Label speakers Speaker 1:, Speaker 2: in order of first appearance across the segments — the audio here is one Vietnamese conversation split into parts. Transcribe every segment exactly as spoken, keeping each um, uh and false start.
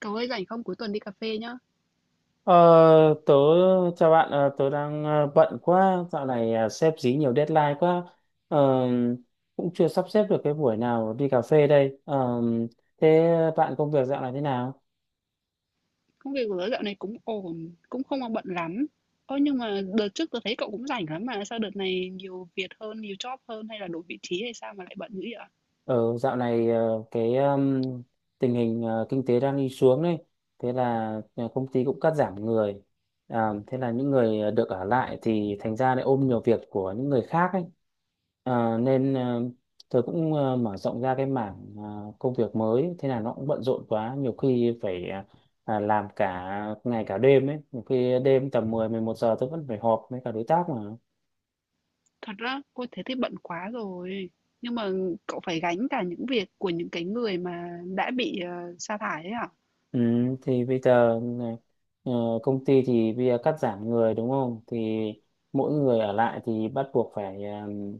Speaker 1: Cậu ơi, rảnh không, cuối tuần đi cà phê nhá.
Speaker 2: Ờ, tớ chào bạn ờ, tớ đang ờ, bận quá dạo này ờ, sếp dí nhiều deadline quá. Ờ, Cũng chưa sắp xếp được cái buổi nào đi cà phê đây. Ờ, Thế bạn công việc dạo này thế nào?
Speaker 1: Công việc của tớ dạo này cũng ổn. Cũng không mà bận lắm. Ơ, nhưng mà đợt trước tớ thấy cậu cũng rảnh lắm mà. Sao đợt này nhiều việc hơn, nhiều job hơn? Hay là đổi vị trí hay sao mà lại bận dữ vậy ạ?
Speaker 2: Ờ, Dạo này ờ, cái um, tình hình ờ, kinh tế đang đi xuống đấy, thế là ờ, công ty cũng cắt giảm người, à, thế là những người ờ, được ở lại thì thành ra lại ôm nhiều việc của những người khác ấy. Ờ, nên ờ, tôi cũng ờ, mở rộng ra cái mảng ờ, công việc mới, thế là nó cũng bận rộn quá, nhiều khi phải ờ, à, làm cả ngày cả đêm ấy, nhiều khi đêm tầm mười mười một giờ tôi vẫn phải họp với cả đối tác mà.
Speaker 1: Thật á? Ôi thế thì bận quá rồi. Nhưng mà cậu phải gánh cả những việc của những cái người mà đã bị ờ, sa thải ấy à?
Speaker 2: Ừ, thì bây giờ này, ờ, công ty thì bây giờ cắt giảm người đúng không? Thì mỗi người ở lại thì bắt buộc phải um,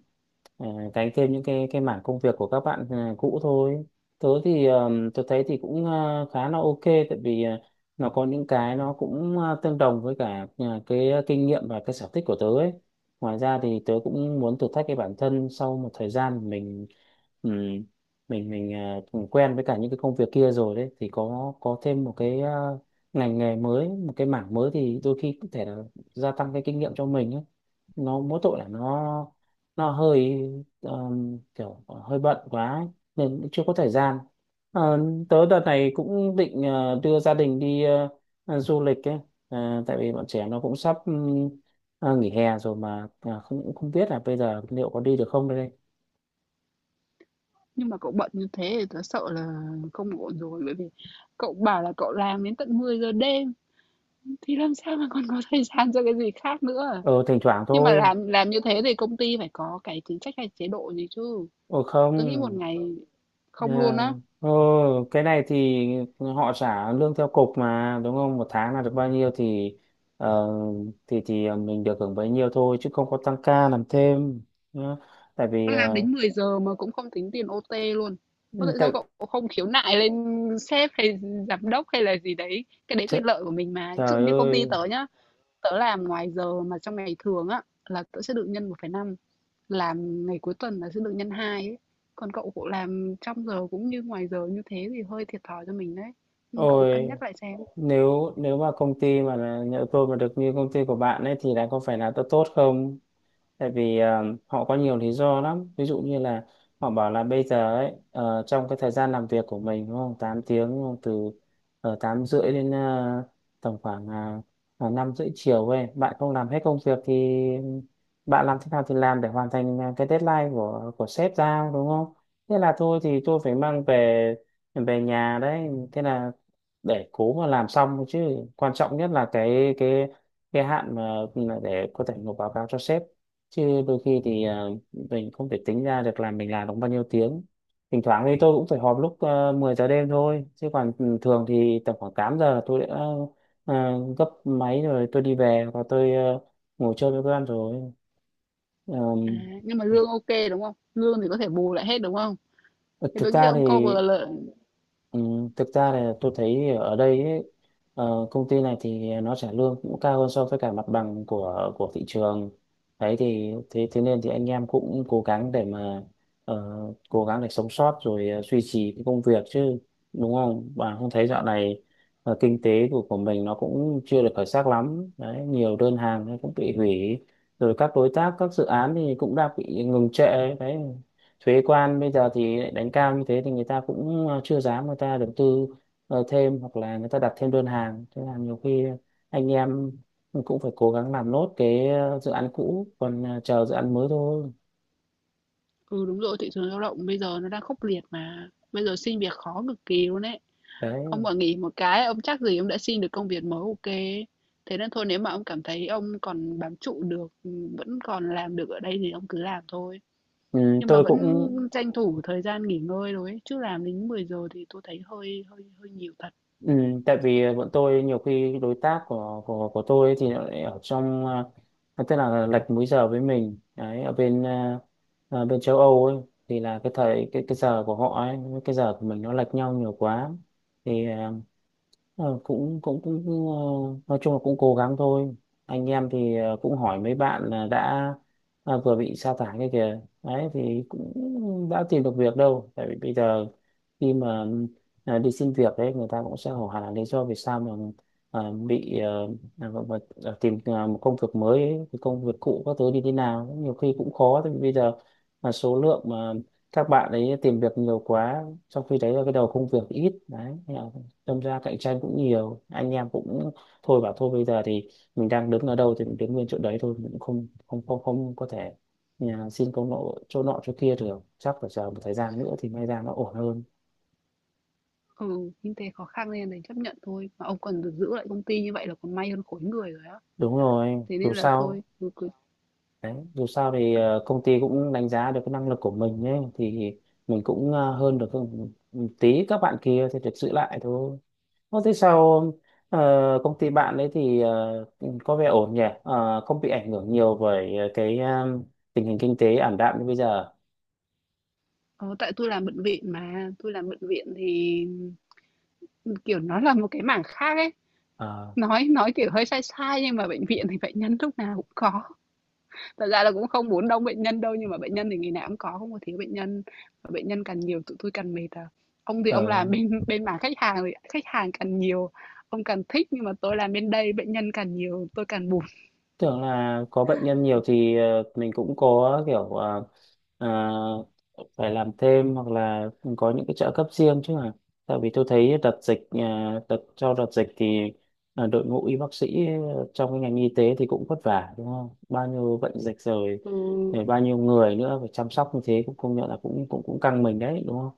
Speaker 2: ờ, gánh thêm những cái cái mảng công việc của các bạn ờ, cũ thôi. Tớ thì um, tớ thấy thì cũng ờ, khá là ok tại vì ờ, nó có những cái nó cũng ờ, tương đồng với cả ờ, cái kinh nghiệm và cái sở thích của tớ ấy. Ngoài ra thì tớ cũng muốn thử thách cái bản thân sau một thời gian mình ừm, mình mình ờ, quen với cả những cái công việc kia rồi đấy thì có có thêm một cái ờ, ngành nghề mới một cái mảng mới thì đôi khi có thể là gia tăng cái kinh nghiệm cho mình ấy. Nó mỗi tội là nó nó hơi ờm, kiểu hơi bận quá ấy, nên cũng chưa có thời gian. Ờ, Tớ đợt này cũng định ờ, đưa gia đình đi ờ, ờ, du lịch ấy. Ờ, tại vì bọn trẻ nó cũng sắp ừm, ờ, nghỉ hè rồi mà ờ, không cũng không biết là bây giờ liệu có đi được không đây.
Speaker 1: Nhưng mà cậu bận như thế thì tớ sợ là không ổn rồi. Bởi vì cậu bảo là cậu làm đến tận mười giờ đêm, thì làm sao mà còn có thời gian cho cái gì khác nữa à?
Speaker 2: ờ Thỉnh thoảng
Speaker 1: Nhưng mà
Speaker 2: thôi.
Speaker 1: làm làm như thế thì công ty phải có cái chính sách hay chế độ gì chứ.
Speaker 2: ờ
Speaker 1: Tôi nghĩ một
Speaker 2: Không.
Speaker 1: ngày
Speaker 2: À,
Speaker 1: không luôn á.
Speaker 2: ờ, cái này thì họ trả lương theo cục mà đúng không? Một tháng là được bao nhiêu thì ờ, thì thì ờ, mình được hưởng bấy nhiêu thôi chứ không có tăng ca làm thêm nhá. Tại vì
Speaker 1: Tôi làm
Speaker 2: ờ,
Speaker 1: đến mười giờ mà cũng không tính tiền âu ti luôn.
Speaker 2: ừ,
Speaker 1: Có tại
Speaker 2: tại,
Speaker 1: sao cậu không khiếu nại lên sếp hay giám đốc hay là gì đấy? Cái đấy
Speaker 2: trời,
Speaker 1: quyền lợi của mình mà. Ví dụ
Speaker 2: trời
Speaker 1: như công
Speaker 2: ơi,
Speaker 1: ty tớ nhá, tớ làm ngoài giờ mà trong ngày thường á là tớ sẽ được nhân một phẩy năm, làm ngày cuối tuần là sẽ được nhân hai ấy. Còn cậu cậu làm trong giờ cũng như ngoài giờ như thế thì hơi thiệt thòi cho mình đấy. Ừ, cậu cân
Speaker 2: ôi,
Speaker 1: nhắc lại xem.
Speaker 2: nếu nếu mà công ty mà là nhỡ tôi mà được như công ty của bạn ấy thì lại có phải là tốt tốt không? Tại vì ờ, họ có nhiều lý do lắm, ví dụ như là họ bảo là bây giờ ấy, ờ, trong cái thời gian làm việc của mình đúng không, tám tiếng, đúng không, từ ở tám rưỡi đến ờ, tầm khoảng uh, năm rưỡi chiều ấy, bạn không làm hết công việc thì bạn làm thế nào thì làm để hoàn thành ờ, cái deadline của của sếp giao, đúng không? Thế là thôi thì tôi phải mang về về nhà đấy, thế là để cố mà làm xong thôi, chứ quan trọng nhất là cái cái cái hạn mà ừ, mà để có thể nộp báo cáo cho sếp, chứ đôi khi thì ờ, mình không thể tính ra được là mình làm được bao nhiêu tiếng. Thỉnh thoảng thì tôi cũng phải họp lúc ờ, mười giờ đêm thôi, chứ còn ừ, thường thì tầm khoảng tám giờ tôi đã ờ, gấp máy rồi, tôi đi về và tôi ờ, ngồi chơi với con rồi.
Speaker 1: À, nhưng mà lương OK, đúng không? Lương thì có thể bù lại hết, đúng không?
Speaker 2: Ờ,
Speaker 1: Thì
Speaker 2: thực
Speaker 1: tôi nghĩ là
Speaker 2: ra
Speaker 1: ông
Speaker 2: thì
Speaker 1: cover lợi.
Speaker 2: ừ, thực ra là tôi thấy ở đây ấy, ờ, công ty này thì nó trả lương cũng cao hơn so với cả mặt bằng của của thị trường, đấy thì thế thế nên thì anh em cũng cố gắng để mà ờ, cố gắng để sống sót rồi ờ, duy trì cái công việc, chứ đúng không, bạn không thấy dạo này ờ, kinh tế của của mình nó cũng chưa được khởi sắc lắm đấy, nhiều đơn hàng nó cũng bị hủy, rồi các đối tác, các dự án thì cũng đang bị ngừng trệ đấy. Thuế quan bây giờ thì lại đánh cao như thế thì người ta cũng ờ, chưa dám, người ta đầu tư ờ, thêm hoặc là người ta đặt thêm đơn hàng, thế là nhiều khi anh em cũng phải cố gắng làm nốt cái ờ, dự án cũ, còn ờ, chờ dự án mới thôi
Speaker 1: Ừ, đúng rồi, thị trường lao động bây giờ nó đang khốc liệt mà. Bây giờ xin việc khó cực kỳ luôn ấy. Ông
Speaker 2: đấy.
Speaker 1: mà nghỉ một cái, ông chắc gì ông đã xin được công việc mới. OK, thế nên thôi, nếu mà ông cảm thấy ông còn bám trụ được, ừ, vẫn còn làm được ở đây thì ông cứ làm thôi.
Speaker 2: Ừ,
Speaker 1: Nhưng mà
Speaker 2: tôi
Speaker 1: vẫn
Speaker 2: cũng
Speaker 1: tranh thủ thời gian nghỉ ngơi rồi ấy. Chứ làm đến mười giờ thì tôi thấy hơi hơi hơi nhiều thật.
Speaker 2: ừ, tại vì ờ, bọn tôi nhiều khi đối tác của của của tôi ấy thì nó lại ở trong, à, tức là lệch múi giờ với mình đấy, ở bên à, à, bên châu Âu ấy, thì là cái thời cái cái giờ của họ ấy với cái giờ của mình nó lệch nhau nhiều quá thì ờ, Ờ, cũng cũng cũng cũng, ờ, nói chung là cũng cố gắng thôi. Anh em thì ờ, cũng hỏi mấy bạn là đã à, vừa bị sa thải kia kìa đấy, thì cũng đã tìm được việc đâu, tại vì bây giờ khi mà ờ, đi xin việc đấy, người ta cũng sẽ hỏi hẳn là lý do vì sao mà ờ, bị ờ, à, gọi là- là tìm ờ, một công việc mới ấy, cái công việc cũ các thứ đi thế nào nhiều khi cũng khó, tại vì bây giờ là số lượng mà các bạn ấy tìm việc nhiều quá, trong khi đấy là cái đầu công việc ít đấy, đâm ra cạnh tranh cũng nhiều. Anh em cũng thôi bảo thôi bây giờ thì mình đang đứng ở đâu thì mình đứng nguyên chỗ đấy thôi, mình cũng không không không không có thể nhà xin công nộ chỗ nọ chỗ kia được, chắc phải chờ một thời gian nữa thì may ra nó ổn hơn.
Speaker 1: Ừ, kinh tế khó khăn nên đành chấp nhận thôi. Mà ông còn được giữ lại công ty như vậy là còn may hơn khối người rồi á.
Speaker 2: Đúng rồi,
Speaker 1: Thế
Speaker 2: dù
Speaker 1: nên là thôi,
Speaker 2: sao
Speaker 1: ừ, cứ
Speaker 2: đấy, dù sao thì ờ, công ty cũng đánh giá được cái năng lực của mình ấy, thì mình cũng ờ, hơn được, hơn một tí các bạn kia thì được giữ lại thôi. Ô, thế sao ờ, công ty bạn ấy thì ờ, có vẻ ổn nhỉ? Ờ, không bị ảnh hưởng nhiều bởi ờ, cái ờ, tình hình kinh tế ảm đạm như bây giờ.
Speaker 1: ờ, tại tôi làm bệnh viện mà, tôi làm bệnh viện thì, kiểu, nó là một cái mảng khác ấy.
Speaker 2: Ờ,
Speaker 1: Nói nói, kiểu, hơi sai sai nhưng mà bệnh viện thì bệnh nhân lúc nào cũng có. Thật ra là cũng không muốn đông bệnh nhân đâu, nhưng mà bệnh nhân thì ngày nào cũng có, không có thiếu bệnh nhân. Mà bệnh nhân càng nhiều tụi tôi càng mệt à. Ông thì ông
Speaker 2: ờ,
Speaker 1: làm bên bên mảng khách hàng thì khách hàng càng nhiều, ông càng thích, nhưng mà tôi làm bên đây bệnh nhân càng nhiều, tôi càng buồn.
Speaker 2: tưởng là có bệnh nhân nhiều thì ờ, mình cũng có kiểu ờ, ờ, phải làm thêm hoặc là có những cái trợ cấp riêng chứ, mà tại vì tôi thấy đợt dịch ờ, đợt sau đợt dịch thì ờ, đội ngũ y bác sĩ trong cái ngành y tế thì cũng vất vả đúng không, bao nhiêu bệnh dịch rồi,
Speaker 1: Ừ.
Speaker 2: rồi bao nhiêu người nữa phải chăm sóc, như thế cũng công nhận là cũng cũng cũng căng mình đấy đúng không.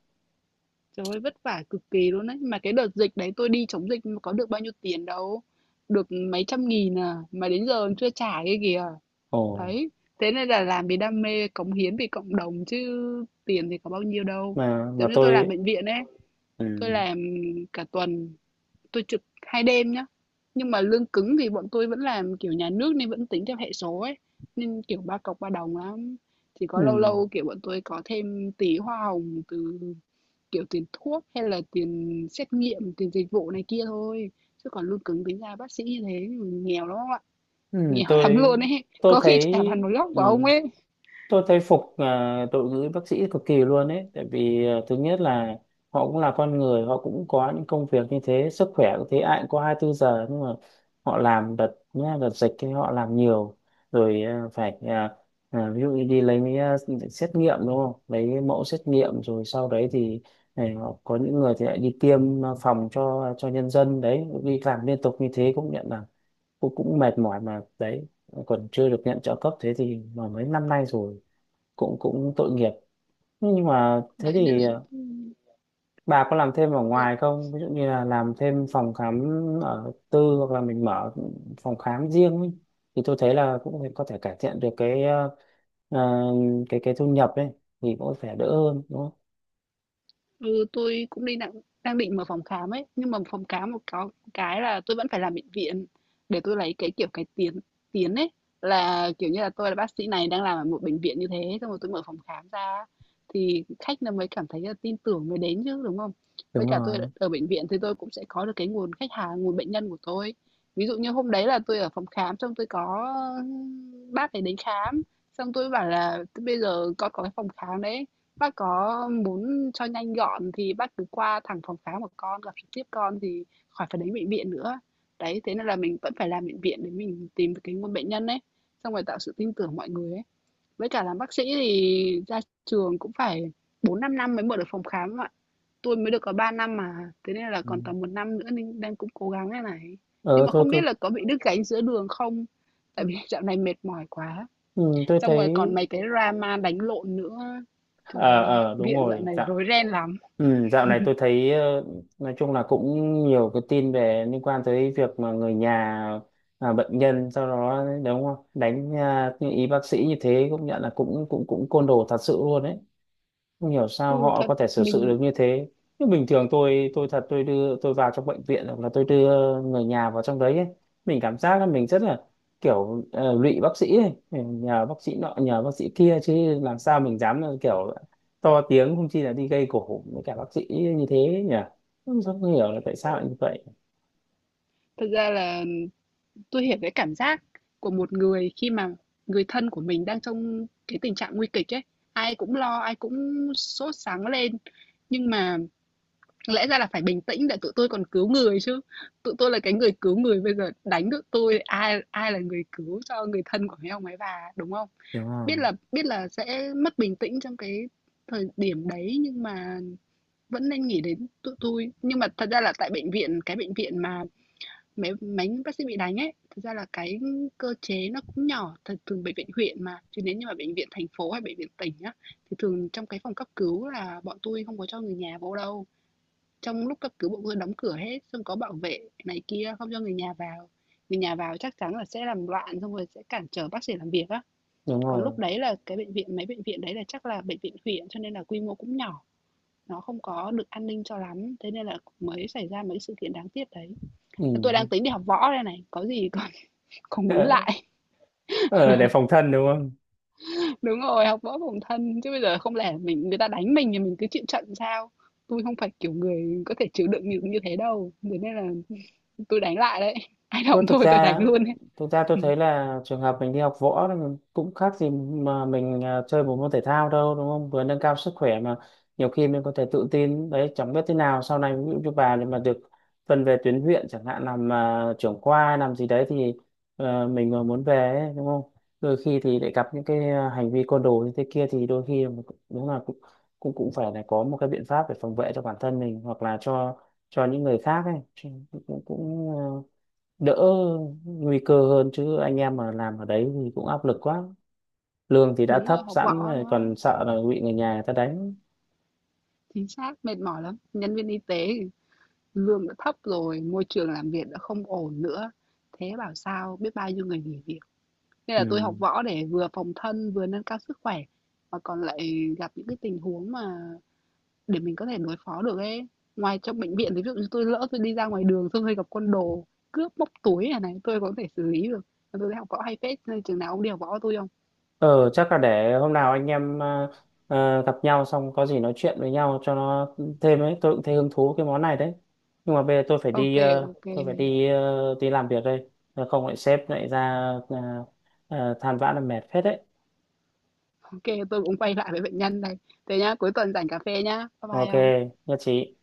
Speaker 1: Trời ơi, vất vả cực kỳ luôn đấy. Mà cái đợt dịch đấy tôi đi chống dịch mà có được bao nhiêu tiền đâu. Được mấy trăm nghìn à. Mà đến giờ còn chưa trả cái kìa.
Speaker 2: Ồ
Speaker 1: Đấy. Thế nên là làm vì đam mê, cống hiến vì cộng đồng chứ tiền thì có bao nhiêu đâu.
Speaker 2: mà mà
Speaker 1: Giống như tôi làm
Speaker 2: tôi
Speaker 1: bệnh viện ấy. Tôi
Speaker 2: ừ,
Speaker 1: làm cả tuần. Tôi trực hai đêm nhá. Nhưng mà lương cứng thì bọn tôi vẫn làm kiểu nhà nước nên vẫn tính theo hệ số ấy, nên, kiểu, ba cọc ba đồng lắm. Chỉ có
Speaker 2: ừ,
Speaker 1: lâu lâu, kiểu, bọn tôi có thêm tí hoa hồng từ, kiểu, tiền thuốc hay là tiền xét nghiệm, tiền dịch vụ này kia thôi, chứ còn lương cứng tính ra bác sĩ như thế nghèo lắm ông ạ,
Speaker 2: ừ,
Speaker 1: nghèo lắm
Speaker 2: tôi
Speaker 1: luôn ấy,
Speaker 2: tôi
Speaker 1: có khi
Speaker 2: thấy
Speaker 1: chả bằng một góc
Speaker 2: ừ.
Speaker 1: của ông ấy.
Speaker 2: Tôi thấy phục à, đội ngũ y bác sĩ cực kỳ luôn ấy, tại vì à, thứ nhất là họ cũng là con người, họ cũng có những công việc như thế, sức khỏe cũng thế, ai cũng có hai mươi bốn giờ, nhưng mà họ làm đợt nhá, đợt dịch thì họ làm nhiều, rồi à, phải à, à, ví dụ như đi lấy mấy à, xét nghiệm đúng không, lấy mẫu xét nghiệm rồi sau đấy thì này, họ có những người thì lại đi tiêm à, phòng cho cho nhân dân đấy, đi làm liên tục như thế cũng nhận là cũng cũng mệt mỏi mà đấy, còn chưa được nhận trợ cấp thế thì mà mấy năm nay rồi, cũng cũng tội nghiệp. Nhưng mà thế
Speaker 1: Đấy, nên
Speaker 2: thì
Speaker 1: là,
Speaker 2: ờ, bà có làm thêm ở
Speaker 1: tôi
Speaker 2: ngoài không, ví dụ như là làm thêm phòng khám ở tư, hoặc là mình mở phòng khám riêng ấy, thì tôi thấy là cũng có thể cải thiện được cái ờ, ờ, cái cái thu nhập ấy, thì cũng phải đỡ hơn đúng không.
Speaker 1: Ừ, tôi cũng đi đang đang định mở phòng khám ấy, nhưng mà phòng khám một có cái là tôi vẫn phải làm bệnh viện để tôi lấy cái kiểu cái tiến tiến ấy, là kiểu như là tôi là bác sĩ này đang làm ở một bệnh viện như thế xong rồi tôi mở phòng khám ra thì khách nó mới cảm thấy là tin tưởng mới đến chứ, đúng không? Với
Speaker 2: Đúng
Speaker 1: cả tôi
Speaker 2: rồi
Speaker 1: ở bệnh viện thì tôi cũng sẽ có được cái nguồn khách hàng, nguồn bệnh nhân của tôi. Ví dụ như hôm đấy là tôi ở phòng khám xong tôi có bác ấy đến khám, xong tôi bảo là bây giờ con có cái phòng khám đấy, bác có muốn cho nhanh gọn thì bác cứ qua thẳng phòng khám của con, gặp trực tiếp con thì khỏi phải đến bệnh viện nữa. Đấy, thế nên là mình vẫn phải làm bệnh viện để mình tìm được cái nguồn bệnh nhân ấy, xong rồi tạo sự tin tưởng mọi người ấy. Với cả làm bác sĩ thì ra trường cũng phải bốn năm năm mới mở được phòng khám ạ. Tôi mới được có ba năm mà, thế nên là
Speaker 2: ừ.
Speaker 1: còn tầm một năm nữa nên đang cũng cố gắng đây này. Nhưng
Speaker 2: Ờ
Speaker 1: mà
Speaker 2: tôi
Speaker 1: không biết
Speaker 2: cứ
Speaker 1: là có bị đứt gánh giữa đường không? Tại vì dạo này mệt mỏi quá.
Speaker 2: ừ, tôi
Speaker 1: Xong
Speaker 2: thấy
Speaker 1: rồi còn mấy cái drama đánh lộn nữa. Trời
Speaker 2: ờ,
Speaker 1: ơi,
Speaker 2: ờ đúng
Speaker 1: viện dạo
Speaker 2: rồi
Speaker 1: này
Speaker 2: dạo.
Speaker 1: rối ren lắm.
Speaker 2: Ừ, dạo này tôi thấy ờ, nói chung là cũng nhiều cái tin về liên quan tới việc mà người nhà à, bệnh nhân sau đó đấy, đúng không, đánh à, như ý bác sĩ như thế cũng nhận là cũng cũng cũng côn đồ thật sự luôn đấy, không hiểu sao
Speaker 1: Ừ,
Speaker 2: họ
Speaker 1: thật
Speaker 2: có thể xử sự
Speaker 1: mình
Speaker 2: được như thế. Nhưng bình thường tôi tôi thật, tôi đưa tôi vào trong bệnh viện hoặc là tôi đưa người nhà vào trong đấy ấy, mình cảm giác là mình rất là kiểu ờ, lụy bác sĩ ấy. Nhờ bác sĩ nọ nhờ bác sĩ kia, chứ làm sao mình dám là kiểu to tiếng, không chi là đi gây gổ với cả bác sĩ như thế nhỉ, không, không hiểu là tại sao lại như vậy.
Speaker 1: thật ra là tôi hiểu cái cảm giác của một người khi mà người thân của mình đang trong cái tình trạng nguy kịch ấy. Ai cũng lo, ai cũng sốt sắng lên, nhưng mà lẽ ra là phải bình tĩnh để tụi tôi còn cứu người chứ. Tụi tôi là cái người cứu người, bây giờ đánh tụi tôi, ai ai là người cứu cho người thân của mấy ông ấy bà, đúng không?
Speaker 2: Đúng
Speaker 1: Biết
Speaker 2: không,
Speaker 1: là biết là sẽ mất bình tĩnh trong cái thời điểm đấy, nhưng mà vẫn nên nghĩ đến tụi tôi. Nhưng mà thật ra là tại bệnh viện, cái bệnh viện mà mấy mấy bác sĩ bị đánh ấy, thật ra là cái cơ chế nó cũng nhỏ, thật thường bệnh viện huyện mà, chứ nếu như mà bệnh viện thành phố hay bệnh viện tỉnh á, thì thường trong cái phòng cấp cứu là bọn tôi không có cho người nhà vô đâu. Trong lúc cấp cứu bọn tôi đóng cửa hết, xong có bảo vệ này kia, không cho người nhà vào. Người nhà vào chắc chắn là sẽ làm loạn, xong rồi sẽ cản trở bác sĩ làm việc á.
Speaker 2: đúng
Speaker 1: Còn lúc
Speaker 2: rồi
Speaker 1: đấy là cái bệnh viện, mấy bệnh viện đấy là chắc là bệnh viện huyện, cho nên là quy mô cũng nhỏ, nó không có được an ninh cho lắm, thế nên là mới xảy ra mấy sự kiện đáng tiếc đấy. Tôi đang
Speaker 2: ừ.
Speaker 1: tính đi học võ đây này, có gì còn còn muốn
Speaker 2: ờ,
Speaker 1: lại.
Speaker 2: ờ, để phòng thân đúng không?
Speaker 1: Đúng rồi, học võ phòng thân, chứ bây giờ không lẽ mình người ta đánh mình thì mình cứ chịu trận sao? Tôi không phải kiểu người có thể chịu đựng như như thế đâu, thế nên là tôi đánh lại đấy. Ai động
Speaker 2: Thôi, thực
Speaker 1: thôi tôi đánh
Speaker 2: ra
Speaker 1: luôn ấy.
Speaker 2: thực ra tôi thấy là trường hợp mình đi học võ thì mình cũng khác gì mà mình à, chơi một môn thể thao đâu, đúng không? Vừa nâng cao sức khỏe, mà nhiều khi mình có thể tự tin đấy, chẳng biết thế nào sau này, ví dụ như bà thì mà được phân về tuyến huyện chẳng hạn, làm à, trưởng khoa làm gì đấy thì ờ, mình mà muốn về ấy, đúng không? Đôi khi thì lại gặp những cái à, hành vi côn đồ như thế kia, thì đôi khi mình cũng- đúng là cũng cũng cũng phải là có một cái biện pháp để phòng vệ cho bản thân mình, hoặc là cho cho những người khác ấy, chứ cũng cũng đỡ nguy cơ hơn, chứ anh em mà làm ở đấy thì cũng áp lực quá, lương thì đã
Speaker 1: Đúng rồi,
Speaker 2: thấp
Speaker 1: học
Speaker 2: sẵn
Speaker 1: võ
Speaker 2: rồi,
Speaker 1: nó
Speaker 2: còn sợ là bị người nhà người ta đánh.
Speaker 1: chính xác, mệt mỏi lắm. Nhân viên y tế lương đã thấp rồi, môi trường làm việc đã không ổn nữa, thế bảo sao biết bao nhiêu người nghỉ việc. Nên
Speaker 2: Ừ.
Speaker 1: là tôi học võ để vừa phòng thân vừa nâng cao sức khỏe, mà còn lại gặp những cái tình huống mà để mình có thể đối phó được ấy. Ngoài trong bệnh viện thì ví dụ như tôi lỡ tôi đi ra ngoài đường, tôi hơi gặp con đồ cướp móc túi này này tôi có thể xử lý được. Tôi thấy học võ hay phết, nên chừng nào ông đi học võ tôi không.
Speaker 2: Ờ, chắc là để hôm nào anh em à, à, gặp nhau xong có gì nói chuyện với nhau cho nó thêm ấy, tôi cũng thấy hứng thú cái món này đấy. Nhưng mà bây giờ tôi phải
Speaker 1: OK,
Speaker 2: đi ờ,
Speaker 1: OK,
Speaker 2: tôi phải đi ờ, đi làm việc đây. Nếu không lại sếp lại ra à, à, than vãn là mệt phết đấy.
Speaker 1: ok tôi cũng quay lại với bệnh nhân đây. Thế nhá, cuối tuần rảnh cà phê nhá, bye bye
Speaker 2: Ok,
Speaker 1: ông.
Speaker 2: nhất trí.